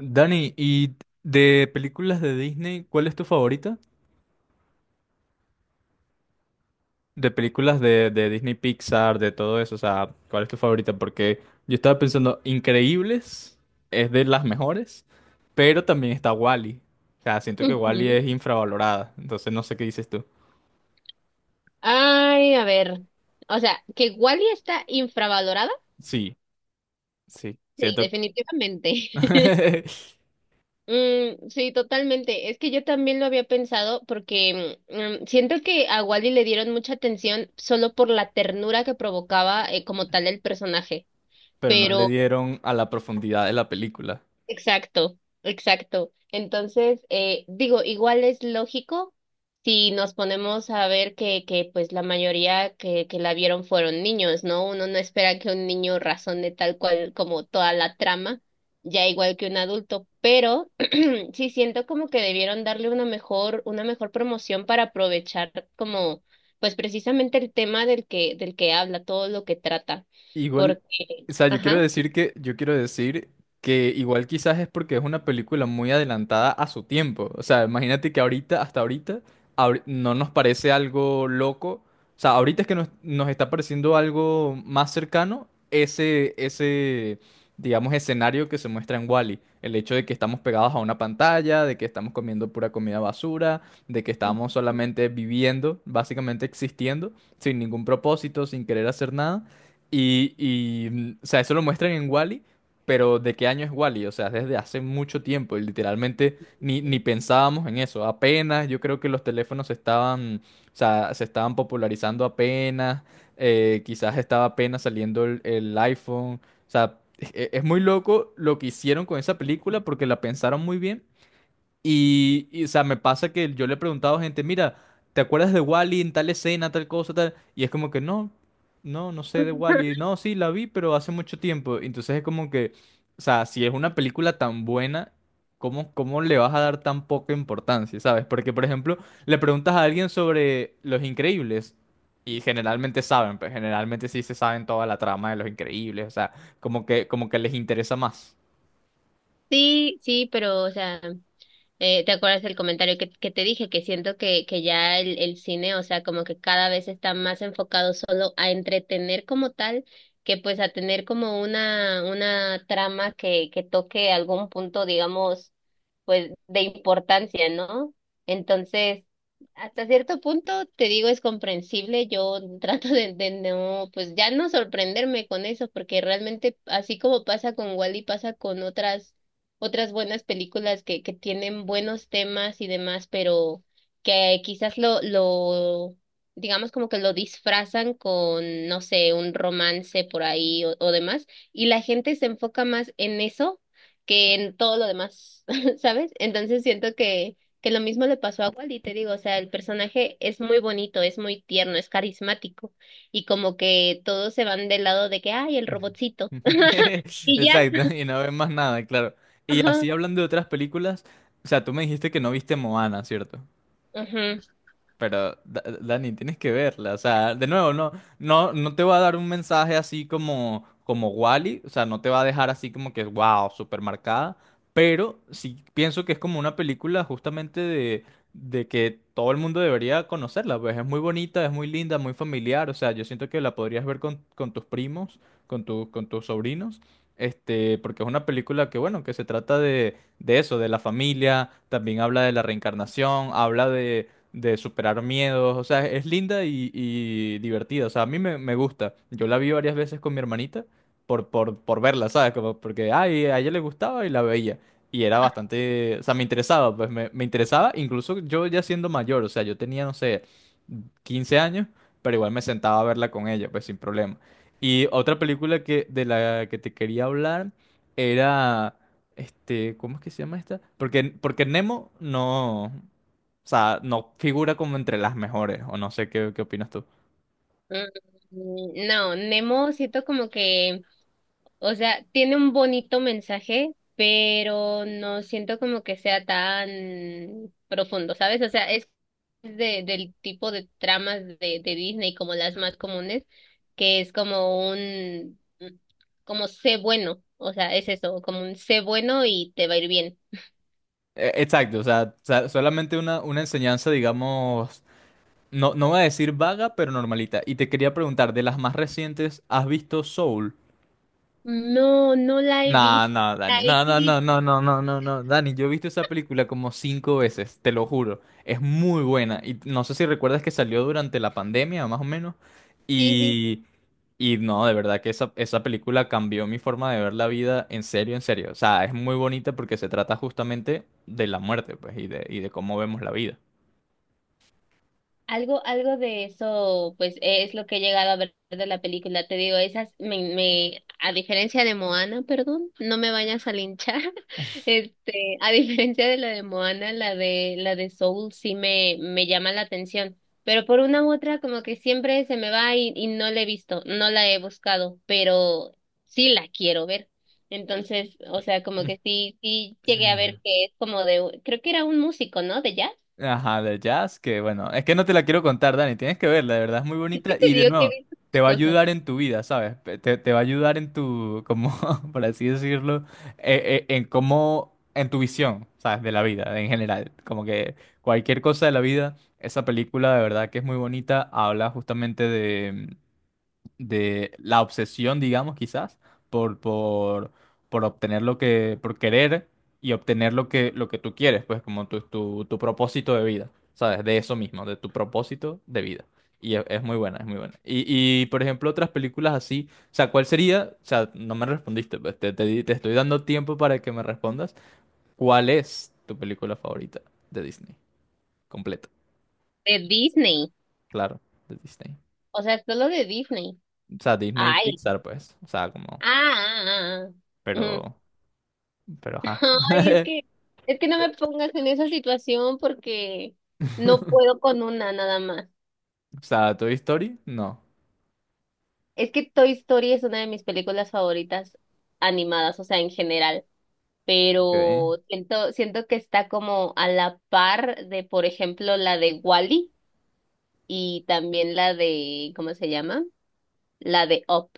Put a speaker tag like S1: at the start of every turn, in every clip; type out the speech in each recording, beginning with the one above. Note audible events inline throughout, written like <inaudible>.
S1: Dani, ¿y de películas de Disney, cuál es tu favorita? De películas de Disney Pixar, de todo eso, o sea, ¿cuál es tu favorita? Porque yo estaba pensando, Increíbles es de las mejores, pero también está Wall-E. O sea, siento que Wall-E
S2: Ujú.
S1: es infravalorada, entonces no sé qué dices tú.
S2: Ay, a ver. O sea, que Wally está infravalorada.
S1: Sí, sí,
S2: Sí,
S1: siento que
S2: definitivamente. <laughs>
S1: <laughs>
S2: Sí, totalmente. Es que yo también lo había pensado porque siento que a Wally le dieron mucha atención solo por la ternura que provocaba, como tal el personaje.
S1: pero no le dieron a la profundidad de la película.
S2: Exacto, exacto. Entonces, digo, igual es lógico si nos ponemos a ver que pues la mayoría que la vieron fueron niños, ¿no? Uno no espera que un niño razone tal cual como toda la trama, ya igual que un adulto, pero <clears throat> sí siento como que debieron darle una mejor promoción para aprovechar como, pues precisamente el tema del que habla, todo lo que trata,
S1: Igual,
S2: porque,
S1: o sea, yo quiero
S2: ajá.
S1: decir que, yo quiero decir que igual quizás es porque es una película muy adelantada a su tiempo. O sea, imagínate que ahorita, hasta ahorita, no nos parece algo loco. O sea, ahorita es que nos está pareciendo algo más cercano ese, digamos, escenario que se muestra en Wall-E. El hecho de que estamos pegados a una pantalla, de que estamos comiendo pura comida basura, de que estamos solamente viviendo, básicamente existiendo, sin ningún propósito, sin querer hacer nada. Y, o sea, eso lo muestran en Wall-E. Pero ¿de qué año es Wall-E? O sea, desde hace mucho tiempo y literalmente ni pensábamos en eso. Apenas, yo creo que los teléfonos se estaban, o sea, se estaban popularizando apenas, quizás estaba apenas saliendo el iPhone. O sea, es muy loco lo que hicieron con esa película porque la pensaron muy bien y, o sea, me pasa que yo le he preguntado a gente, mira, ¿te acuerdas de Wally en tal escena, tal cosa, tal? Y es como que no, no, no sé de Wally. No, sí, la vi, pero hace mucho tiempo. Entonces es como que, o sea, si es una película tan buena, ¿cómo le vas a dar tan poca importancia, sabes? Porque, por ejemplo, le preguntas a alguien sobre Los Increíbles y generalmente saben, pues generalmente sí se saben toda la trama de Los Increíbles, o sea, como que les interesa más.
S2: Sí, sí, pero, o sea, ¿te acuerdas del comentario que te dije? Que siento que ya el cine, o sea, como que cada vez está más enfocado solo a entretener como tal, que pues a tener como una trama que toque algún punto, digamos, pues de importancia, ¿no? Entonces, hasta cierto punto, te digo, es comprensible. Yo <laughs> trato de no, pues ya no sorprenderme con eso, porque realmente así como pasa con Wally, pasa con otras otras buenas películas que tienen buenos temas y demás, pero que quizás digamos como que lo disfrazan con, no sé, un romance por ahí o demás, y la gente se enfoca más en eso que en todo lo demás, <laughs> ¿sabes? Entonces siento que lo mismo le pasó a Wally, te digo, o sea, el personaje es muy bonito, es muy tierno, es carismático, y como que todos se van del lado de que, ay, el
S1: <laughs>
S2: robotcito, y ya,
S1: Exacto, y no ves más nada, claro. Y
S2: ajá,
S1: así hablando de otras películas, o sea, tú me dijiste que no viste Moana, ¿cierto?
S2: ajá.
S1: Pero, Dani, tienes que verla. O sea, de nuevo, no, no, no te va a dar un mensaje así como, como Wall-E. O sea, no te va a dejar así como que, wow, súper marcada. Pero sí pienso que es como una película justamente de que todo el mundo debería conocerla. Pues es muy bonita, es muy linda, muy familiar. O sea, yo siento que la podrías ver con tus primos, con tus sobrinos. Este, porque es una película que, bueno, que se trata de eso, de la familia, también habla de la reencarnación, habla de superar miedos. O sea, es linda y divertida. O sea, a mí me gusta. Yo la vi varias veces con mi hermanita por verla, ¿sabes? Como porque ay, a ella le gustaba y la veía. Y era bastante, o sea, me interesaba, pues me interesaba, incluso yo ya siendo mayor, o sea, yo tenía, no sé, 15 años, pero igual me sentaba a verla con ella, pues sin problema. Y otra película que, de la que te quería hablar era, este, ¿cómo es que se llama esta? Porque Nemo no. O sea, no figura como entre las mejores, o no sé qué opinas tú.
S2: No, Nemo siento como que, o sea, tiene un bonito mensaje, pero no siento como que sea tan profundo, ¿sabes? O sea, es del tipo de tramas de Disney como las más comunes, que es como un, como sé bueno, o sea, es eso, como un sé bueno y te va a ir bien.
S1: Exacto, o sea, solamente una enseñanza, digamos, no, no voy a decir vaga, pero normalita. Y te quería preguntar, de las más recientes, ¿has visto Soul?
S2: No, no la he
S1: No,
S2: visto,
S1: no,
S2: la
S1: Dani,
S2: he
S1: no, no,
S2: querido,
S1: no, no, no, no, no, no, Dani, yo he visto esa película como cinco veces, te lo juro, es muy buena y no sé si recuerdas que salió durante la pandemia, más o menos,
S2: sí, sí.
S1: y, y no, de verdad que esa película cambió mi forma de ver la vida, en serio, o sea, es muy bonita porque se trata justamente de la muerte, pues, y de cómo vemos la vida.
S2: Algo, algo de eso, pues e, es lo que he llegado a ver de la película. Te digo, esas me, me, a diferencia de Moana, perdón, no me vayas a linchar. <laughs> Este, a diferencia de la de Moana, la de Soul sí me llama la atención. Pero por una u otra, como que siempre se me va y no la he visto, no la he buscado, pero sí la quiero ver. Entonces, o sea, como que sí, sí llegué a ver
S1: <laughs>
S2: que es como de, creo que era un músico, ¿no? De jazz. <laughs>
S1: Ajá, de jazz, que bueno, es que no te la quiero contar, Dani, tienes que verla, de verdad es muy
S2: Es
S1: bonita
S2: que te
S1: y de
S2: digo que he
S1: nuevo,
S2: visto
S1: te va a
S2: cosas.
S1: ayudar en tu vida, ¿sabes? Te va a ayudar en tu, como, <laughs> por así decirlo, en cómo, en tu visión, ¿sabes? De la vida en general, como que cualquier cosa de la vida, esa película de verdad que es muy bonita, habla justamente de la obsesión, digamos, quizás, por, por, por obtener lo que, por querer y obtener lo que, tú quieres, pues como tu propósito de vida, ¿sabes? De eso mismo, de tu propósito de vida. Y es muy buena, es muy buena. Y, por ejemplo, otras películas así, o sea, ¿cuál sería? O sea, no me respondiste, pues te estoy dando tiempo para que me respondas. ¿Cuál es tu película favorita de Disney? Completa,
S2: De Disney.
S1: claro, de Disney.
S2: O sea, solo de Disney.
S1: O sea, Disney
S2: Ay.
S1: Pixar, pues, o sea, como,
S2: Ah, ah, ah. Ujú.
S1: pero. Pero ajá.
S2: <laughs> Ay,
S1: <laughs>
S2: es que no me pongas en esa situación porque no puedo con una nada más.
S1: O sea, ¿Toy Story? No.
S2: Es que Toy Story es una de mis películas favoritas animadas, o sea, en general.
S1: Okay.
S2: Pero siento, siento que está como a la par de, por ejemplo, la de Wally y también la de, ¿cómo se llama? La de Up.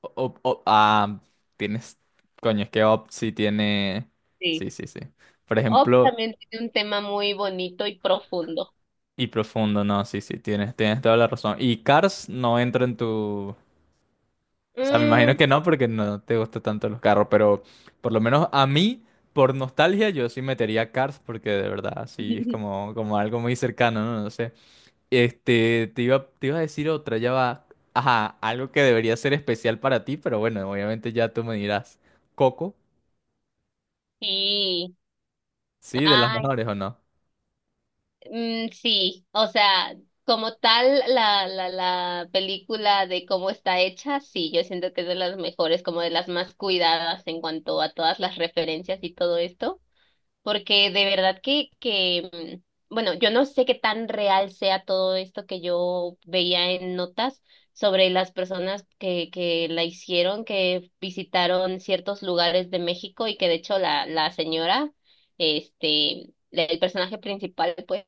S1: O- o- o- ah, Tienes. Coño, es que Up sí tiene.
S2: Sí.
S1: Sí, sí, sí. Por
S2: Up
S1: ejemplo,
S2: también tiene un tema muy bonito y profundo.
S1: y Profundo, no, sí, sí, tienes toda la razón. Y Cars no entra en tu. O sea, me imagino
S2: Mm,
S1: que no, porque no te gustan tanto los carros, pero por lo menos a mí, por nostalgia, yo sí metería Cars, porque de verdad, sí, es
S2: <laughs>
S1: como, como algo muy cercano, ¿no? No sé. Este, te iba a decir otra, ya va. Ajá, algo que debería ser especial para ti, pero bueno, obviamente ya tú me dirás. Coco,
S2: sí,
S1: ¿sí? ¿De las
S2: ay,
S1: mejores o no?
S2: sí, o sea, como tal la película de cómo está hecha, sí, yo siento que es de las mejores, como de las más cuidadas en cuanto a todas las referencias y todo esto. Porque de verdad bueno, yo no sé qué tan real sea todo esto que yo veía en notas sobre las personas que la hicieron, que visitaron ciertos lugares de México y que de hecho la señora, este, el personaje principal, pues,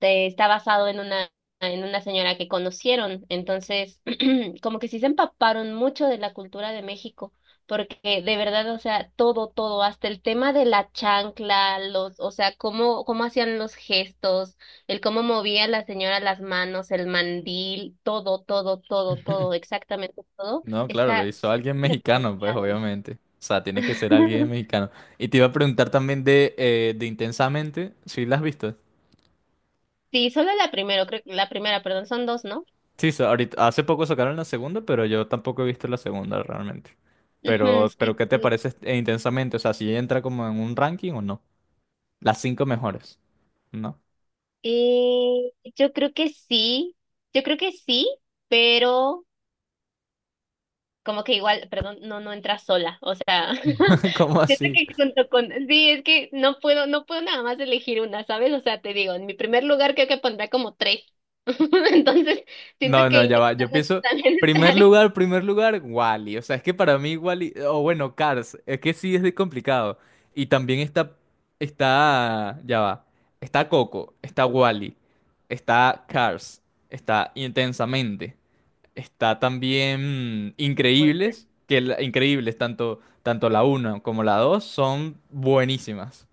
S2: de- está basado en una señora que conocieron. Entonces, <clears throat> como que sí se empaparon mucho de la cultura de México, porque de verdad, o sea, todo, todo, hasta el tema de la chancla, los, o sea, cómo, cómo hacían los gestos, el cómo movía la señora las manos, el mandil, todo, todo, todo, todo,
S1: <laughs>
S2: exactamente todo,
S1: No, claro, lo
S2: está
S1: hizo alguien
S2: súper
S1: mexicano, pues
S2: diferenciado.
S1: obviamente. O sea, tiene que ser alguien
S2: <laughs>
S1: mexicano. Y te iba a preguntar también de Intensamente, ¿si la has visto?
S2: Sí, solo la primera creo, la primera, perdón, son dos, ¿no?
S1: Sí, ahorita, hace poco sacaron la segunda, pero yo tampoco he visto la segunda realmente.
S2: Ujú,
S1: Pero,
S2: sí,
S1: ¿qué te
S2: sí.
S1: parece Intensamente? O sea, si entra como en un ranking o no. Las cinco mejores, ¿no?
S2: Yo creo que sí, yo creo que sí, pero como que igual, perdón, no, no entra sola, o sea, <laughs>
S1: <laughs> ¿Cómo
S2: siento
S1: así?
S2: que junto con, sí, es que no puedo, no puedo nada más elegir una, ¿sabes? O sea, te digo, en mi primer lugar creo que pondrá como tres, <laughs> entonces siento
S1: No,
S2: que
S1: no, ya va. Yo
S2: intentando
S1: pienso,
S2: también <laughs>
S1: primer lugar, Wally. O sea, es que para mí Wally, o bueno, Cars, es que sí es de complicado. Y también está, ya va. Está Coco, está Wally, está Cars, está Intensamente, está también
S2: entrar.
S1: Increíbles, Increíbles, tanto la uno como la 2 son buenísimas.